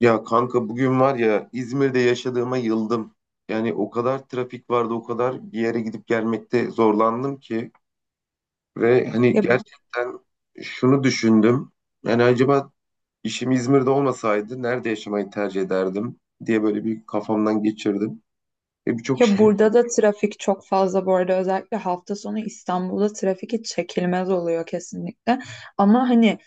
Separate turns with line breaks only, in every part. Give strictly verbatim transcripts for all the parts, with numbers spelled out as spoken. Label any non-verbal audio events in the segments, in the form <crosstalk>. Ya kanka bugün var ya İzmir'de yaşadığıma yıldım. Yani o kadar trafik vardı, o kadar bir yere gidip gelmekte zorlandım ki ve hani
Ya,
gerçekten şunu düşündüm. Yani acaba işim İzmir'de olmasaydı nerede yaşamayı tercih ederdim diye böyle bir kafamdan geçirdim. Ve birçok
ya
şey.
burada da trafik çok fazla bu arada, özellikle hafta sonu İstanbul'da trafik hiç çekilmez oluyor kesinlikle. Ama hani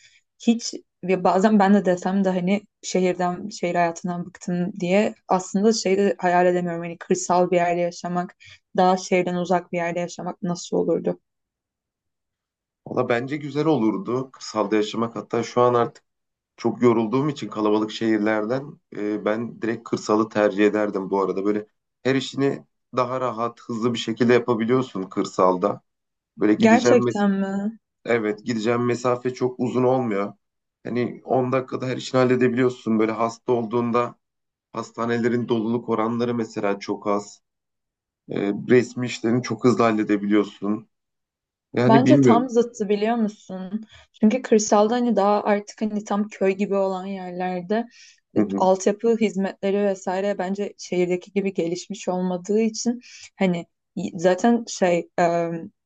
hiç, ya bazen ben de desem de hani şehirden, şehir hayatından bıktım diye aslında şeyi de hayal edemiyorum. Hani kırsal bir yerde yaşamak, daha şehirden uzak bir yerde yaşamak nasıl olurdu?
Valla bence güzel olurdu kırsalda yaşamak. Hatta şu an artık Çok yorulduğum için kalabalık şehirlerden e, ben direkt kırsalı tercih ederdim bu arada. Böyle her işini daha rahat, hızlı bir şekilde yapabiliyorsun kırsalda. Böyle gideceğim mes-
Gerçekten mi?
evet, gideceğim mesafe çok uzun olmuyor. Hani on dakikada her işini halledebiliyorsun. Böyle hasta olduğunda hastanelerin doluluk oranları mesela çok az. E, resmi işlerini çok hızlı halledebiliyorsun. Yani
Bence tam
bilmiyorum.
zıttı, biliyor musun? Çünkü kırsalda hani daha artık hani tam köy gibi olan yerlerde e,
Hı hı,
altyapı hizmetleri vesaire bence şehirdeki gibi gelişmiş olmadığı için hani y- zaten şey, e,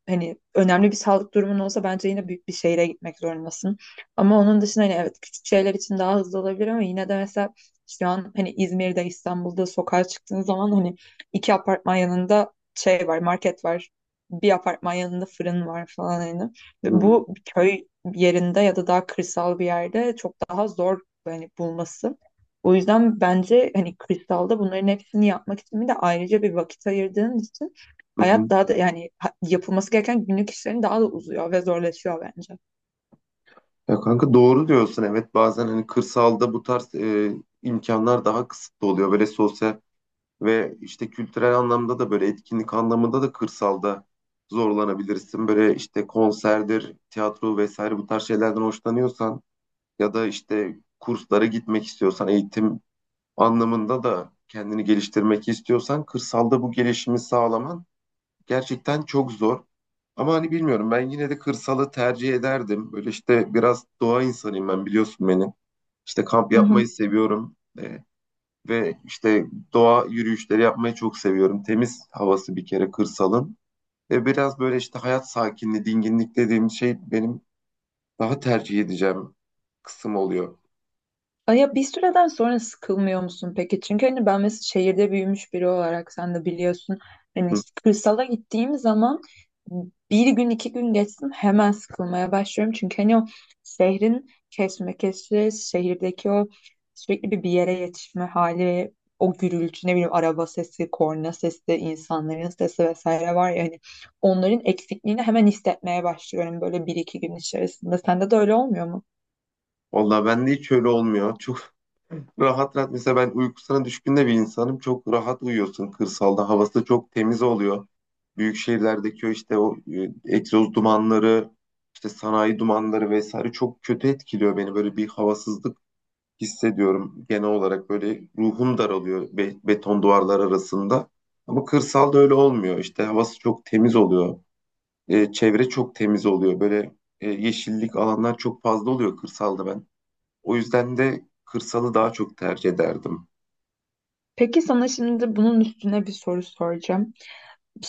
hani önemli bir sağlık durumun olsa bence yine büyük bir şehire gitmek zorundasın. Ama onun dışında hani evet, küçük şeyler için daha hızlı olabilir ama yine de mesela şu an hani İzmir'de, İstanbul'da sokağa çıktığın zaman hani iki apartman yanında şey var, market var, bir apartman yanında fırın var falan hani.
hı
Ve
hı,
bu köy yerinde ya da daha kırsal bir yerde çok daha zor hani bulması. O yüzden bence hani kırsalda bunların hepsini yapmak için bir de ayrıca bir vakit ayırdığın için
hı hı.
hayat daha da yani ha- yapılması gereken günlük işlerin daha da uzuyor ve zorlaşıyor bence.
Ya kanka doğru diyorsun, evet, bazen hani kırsalda bu tarz e, imkanlar daha kısıtlı oluyor. Böyle sosyal ve işte kültürel anlamda da böyle etkinlik anlamında da kırsalda zorlanabilirsin. Böyle işte konserdir, tiyatro vesaire bu tarz şeylerden hoşlanıyorsan ya da işte kurslara gitmek istiyorsan, eğitim anlamında da kendini geliştirmek istiyorsan kırsalda bu gelişimi sağlaman Gerçekten çok zor. Ama hani bilmiyorum, ben yine de kırsalı tercih ederdim. Böyle işte biraz doğa insanıyım ben, biliyorsun beni. İşte kamp
Hı hı.
yapmayı seviyorum. Ee, ve işte doğa yürüyüşleri yapmayı çok seviyorum. Temiz havası bir kere kırsalın. Ve biraz böyle işte hayat sakinliği, dinginlik dediğim şey benim daha tercih edeceğim kısım oluyor.
Ay, ya bir süreden sonra sıkılmıyor musun peki? Çünkü hani ben mesela şehirde büyümüş biri olarak, sen de biliyorsun. Hani
Hı.
işte kırsala gittiğim zaman bir gün iki gün geçsin hemen sıkılmaya başlıyorum. Çünkü hani o şehrin kesmekesi, şehirdeki o sürekli bir bir yere yetişme hali ve o gürültü, ne bileyim, araba sesi, korna sesi, insanların sesi vesaire var ya hani, onların eksikliğini hemen hissetmeye başlıyorum böyle bir iki gün içerisinde. Sende de öyle olmuyor mu?
Vallahi bende hiç öyle olmuyor. Çok <laughs> rahat rahat, mesela ben uykusuna düşkün de bir insanım. Çok rahat uyuyorsun kırsalda. Havası çok temiz oluyor. büyük şehirlerdeki o işte o e, egzoz dumanları, işte sanayi dumanları vesaire çok kötü etkiliyor beni. Böyle bir havasızlık hissediyorum genel olarak. Böyle ruhum daralıyor be- beton duvarlar arasında. Ama kırsalda öyle olmuyor. İşte havası çok temiz oluyor. E, çevre çok temiz oluyor. Böyle e, yeşillik alanlar çok fazla oluyor kırsalda ben. O yüzden de kırsalı daha çok tercih ederdim.
Peki sana şimdi bunun üstüne bir soru soracağım.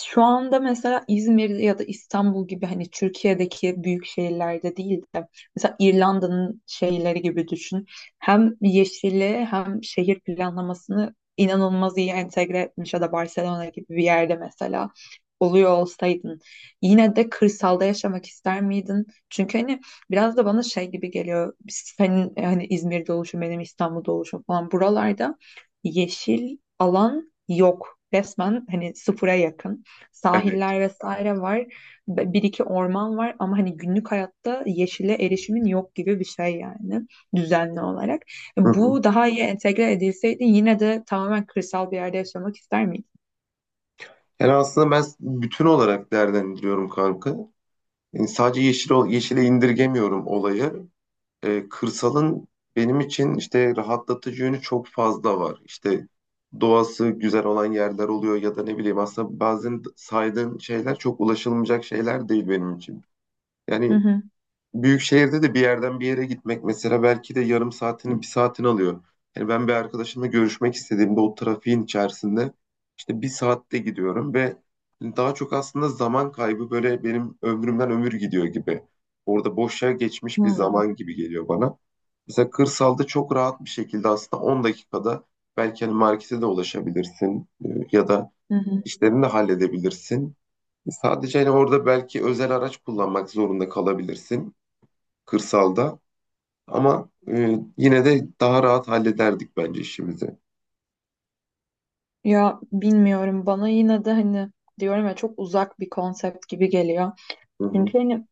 Şu anda mesela İzmir ya da İstanbul gibi hani Türkiye'deki büyük şehirlerde değil de mesela İrlanda'nın şehirleri gibi düşün. Hem yeşili hem şehir planlamasını inanılmaz iyi entegre etmiş ya da Barcelona gibi bir yerde mesela oluyor olsaydın yine de kırsalda yaşamak ister miydin? Çünkü hani biraz da bana şey gibi geliyor. Senin hani İzmir'de oluşun, benim İstanbul'da oluşum falan, buralarda yeşil alan yok. Resmen hani sıfıra yakın,
Evet.
sahiller vesaire var. Be- Bir iki orman var ama hani günlük hayatta yeşile erişimin yok gibi bir şey yani, düzenli olarak.
Hı hı.
Bu daha iyi entegre edilseydi yine de tamamen kırsal bir yerde yaşamak ister miydin?
Yani aslında ben bütün olarak değerlendiriyorum kanka. Yani sadece yeşil, ol- yeşile indirgemiyorum olayı. Ee, kırsalın benim için işte rahatlatıcı yönü çok fazla var. İşte doğası güzel olan yerler oluyor ya da ne bileyim, aslında bazen saydığın şeyler çok ulaşılmayacak şeyler değil benim için.
Hı
Yani
hı.
büyük şehirde de bir yerden bir yere gitmek mesela belki de yarım saatini, bir saatini alıyor. Yani ben bir arkadaşımla görüşmek istediğimde o trafiğin içerisinde işte bir saatte gidiyorum ve daha çok aslında zaman kaybı, böyle benim ömrümden ömür gidiyor gibi. Orada boşa geçmiş bir
Hmm.
zaman gibi geliyor bana. Mesela kırsalda çok rahat bir şekilde aslında on dakikada belki hani markete de ulaşabilirsin e, ya da
Hı hı.
işlerini de halledebilirsin. Sadece hani orada belki özel araç kullanmak zorunda kalabilirsin kırsalda. Ama e, yine de daha rahat hallederdik bence işimizi.
Ya bilmiyorum, bana yine de hani diyorum ya, çok uzak bir konsept gibi geliyor.
Hı hı,
Çünkü hani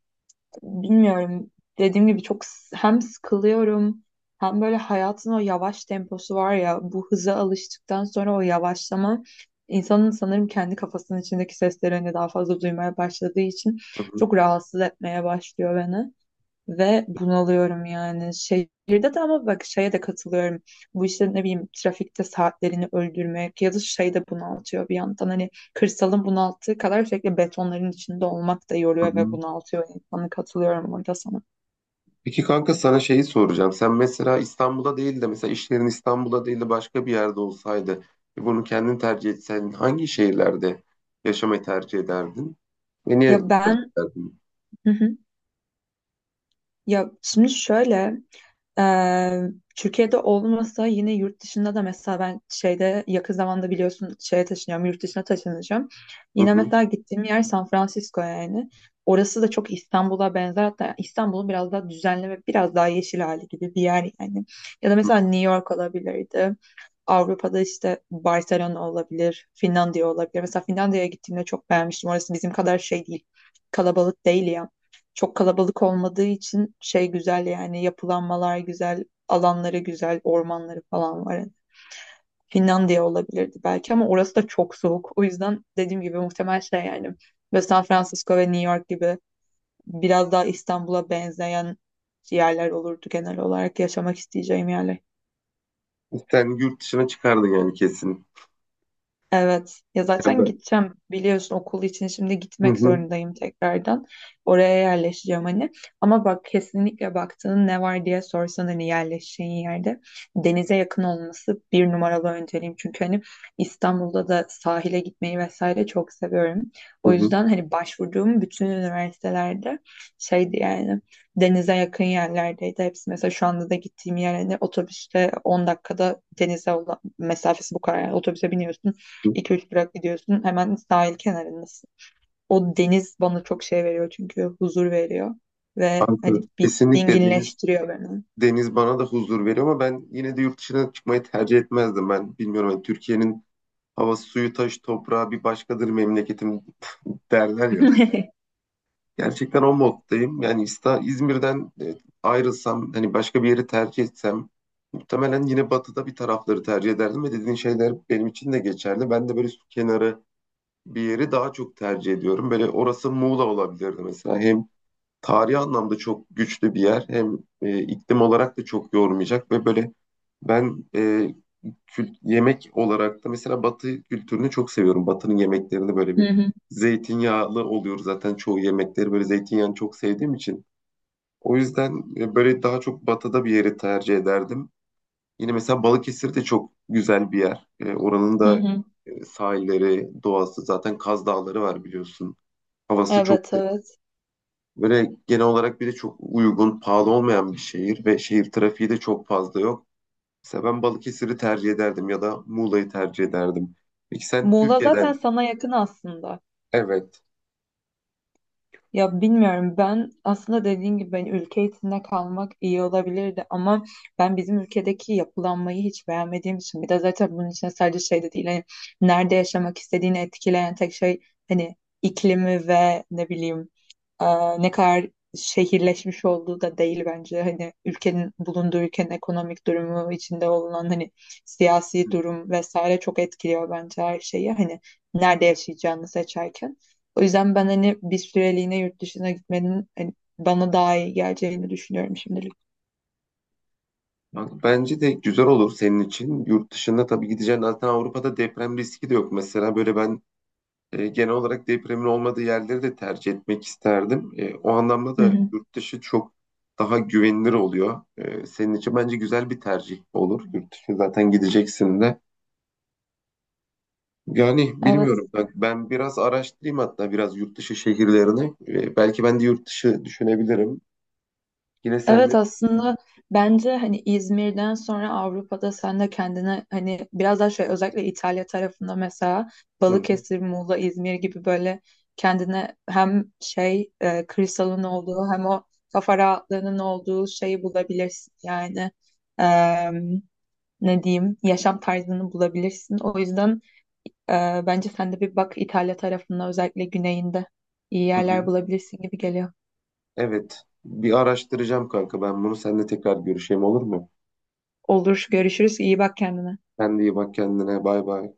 bilmiyorum. Dediğim gibi çok, s- hem sıkılıyorum hem böyle hayatın o yavaş temposu var ya, bu hıza alıştıktan sonra o yavaşlama insanın sanırım kendi kafasının içindeki seslerini daha fazla duymaya başladığı için
hı hı,
çok rahatsız etmeye başlıyor beni. Ve bunalıyorum yani. Şehirde de, ama bak, şeye de katılıyorum. Bu işte ne bileyim trafikte saatlerini öldürmek ya da şey de bunaltıyor bir yandan. Hani kırsalın bunalttığı kadar sürekli betonların içinde olmak da
hı
yoruyor ve
hı.
bunaltıyor insanı. Katılıyorum orada sana.
Peki kanka sana şeyi soracağım. Sen mesela İstanbul'da değil de, mesela işlerin İstanbul'da değil de başka bir yerde olsaydı ve bunu kendin tercih etsen, hangi şehirlerde yaşamayı tercih ederdin? Ve niye
Ya
tercih
ben,
ederdin?
hı hı, ya şimdi şöyle, Ee, Türkiye'de olmasa yine yurt dışında da mesela ben şeyde yakın zamanda, biliyorsun, şeye taşınıyorum, yurt dışına taşınacağım.
Hı
Yine
hı.
mesela gittiğim yer San Francisco yani. Orası da çok İstanbul'a benzer, hatta İstanbul'un biraz daha düzenli ve biraz daha yeşil hali gibi bir yer yani. Ya da mesela New York olabilirdi. Avrupa'da işte Barcelona olabilir, Finlandiya olabilir. Mesela Finlandiya'ya gittiğimde çok beğenmiştim. Orası bizim kadar şey değil, kalabalık değil ya. Çok kalabalık olmadığı için şey güzel yani, yapılanmalar güzel, alanları güzel, ormanları falan var. Yani Finlandiya olabilirdi belki ama orası da çok soğuk. O yüzden dediğim gibi muhtemel şey yani, ve San Francisco ve New York gibi biraz daha İstanbul'a benzeyen yerler olurdu genel olarak yaşamak isteyeceğim yerler.
Sen yurt dışına çıkardın yani kesin.
Evet. Ya
Ya
zaten
ben-
gideceğim, biliyorsun okul için, şimdi
Hı
gitmek
hı,
zorundayım tekrardan. Oraya yerleşeceğim hani. Ama bak, kesinlikle baktığın ne var diye sorsan hani, yerleşeceğin yerde denize yakın olması bir numaralı önceliğim. Çünkü hani İstanbul'da da sahile gitmeyi vesaire çok seviyorum.
hı
O
hı,
yüzden hani başvurduğum bütün üniversitelerde şeydi yani, denize yakın yerlerdeydi hepsi. Mesela şu anda da gittiğim yer hani otobüste on dakikada, denize olan mesafesi bu kadar. Yani otobüse biniyorsun.
hı.
iki üç durak gidiyorsun. Hemen sahil kenarındasın. O deniz bana çok şey veriyor, çünkü huzur veriyor. Ve
Ankara
hani bir
kesinlikle deniz...
dinginleştiriyor beni.
Deniz bana da huzur veriyor ama ben yine de yurt dışına çıkmayı tercih etmezdim. Ben bilmiyorum, hani Türkiye'nin havası, suyu, taşı, toprağı bir başkadır memleketim derler ya.
<laughs>
Gerçekten o moddayım. Yani İsta- İzmir'den e, ayrılsam, hani başka bir yeri tercih etsem muhtemelen yine batıda bir tarafları tercih ederdim ve dediğin şeyler benim için de geçerli. Ben de böyle su kenarı bir yeri daha çok tercih ediyorum. Böyle orası Muğla olabilirdi mesela. Hem tarihi anlamda çok güçlü bir yer. Hem e, iklim olarak da çok yormayacak ve böyle ben e, kült- yemek olarak da mesela Batı kültürünü çok seviyorum. Batı'nın yemeklerini böyle
Hı
bir
hı,
zeytinyağlı oluyor zaten çoğu yemekleri, böyle zeytinyağını çok sevdiğim için. O yüzden e, böyle daha çok Batı'da bir yeri tercih ederdim. Yine mesela Balıkesir de çok güzel bir yer. E, oranın
hı
da
hı.
e, sahilleri, doğası, zaten Kaz Dağları var biliyorsun. Havası çok...
Evet, evet.
Böyle genel olarak bir de çok uygun, pahalı olmayan bir şehir ve şehir trafiği de çok fazla yok. Mesela ben Balıkesir'i tercih ederdim ya da Muğla'yı tercih ederdim. Peki sen
Muğla
Türkiye'den,
zaten sana yakın aslında.
evet.
Ya bilmiyorum, ben aslında dediğin gibi ben ülke içinde kalmak iyi olabilirdi ama ben bizim ülkedeki yapılanmayı hiç beğenmediğim için, bir de zaten bunun içine sadece şey de değil hani, nerede yaşamak istediğini etkileyen tek şey hani iklimi ve ne bileyim, e, ne kadar şehirleşmiş olduğu da değil bence hani, ülkenin bulunduğu, ülkenin ekonomik durumu içinde olan hani siyasi durum vesaire çok etkiliyor bence her şeyi hani, nerede yaşayacağını seçerken. O yüzden ben hani bir süreliğine yurt dışına gitmenin hani bana daha iyi geleceğini düşünüyorum şimdilik.
Bak, bence de güzel olur senin için. Yurt dışında tabii gideceğin, zaten Avrupa'da deprem riski de yok. Mesela böyle ben e, genel olarak depremin olmadığı yerleri de tercih etmek isterdim. E, o anlamda
Hı
da
hı.
yurt dışı çok daha güvenilir oluyor. E, senin için bence güzel bir tercih olur. Yurt dışı zaten gideceksin de. Yani
Evet.
bilmiyorum. Bak ben biraz araştırayım hatta biraz yurt dışı şehirlerini. Ee, belki ben de yurt dışı düşünebilirim. Yine senle.
Evet aslında, bence hani İzmir'den sonra Avrupa'da sen de kendine hani biraz daha şey, özellikle İtalya tarafında mesela
Hı hı,
Balıkesir, Muğla, İzmir gibi böyle kendine hem şey, e, kırsalın olduğu hem o kafa rahatlığının olduğu şeyi bulabilirsin yani. Em, Ne diyeyim, yaşam tarzını bulabilirsin. O yüzden, Ee, bence sen de bir bak, İtalya tarafında özellikle güneyinde iyi
hı
yerler
hı.
bulabilirsin gibi geliyor.
Evet. Bir araştıracağım kanka. Ben bunu seninle tekrar görüşeyim, olur mu?
Olur, görüşürüz. İyi bak kendine.
Sen de iyi bak kendine. Bay bay.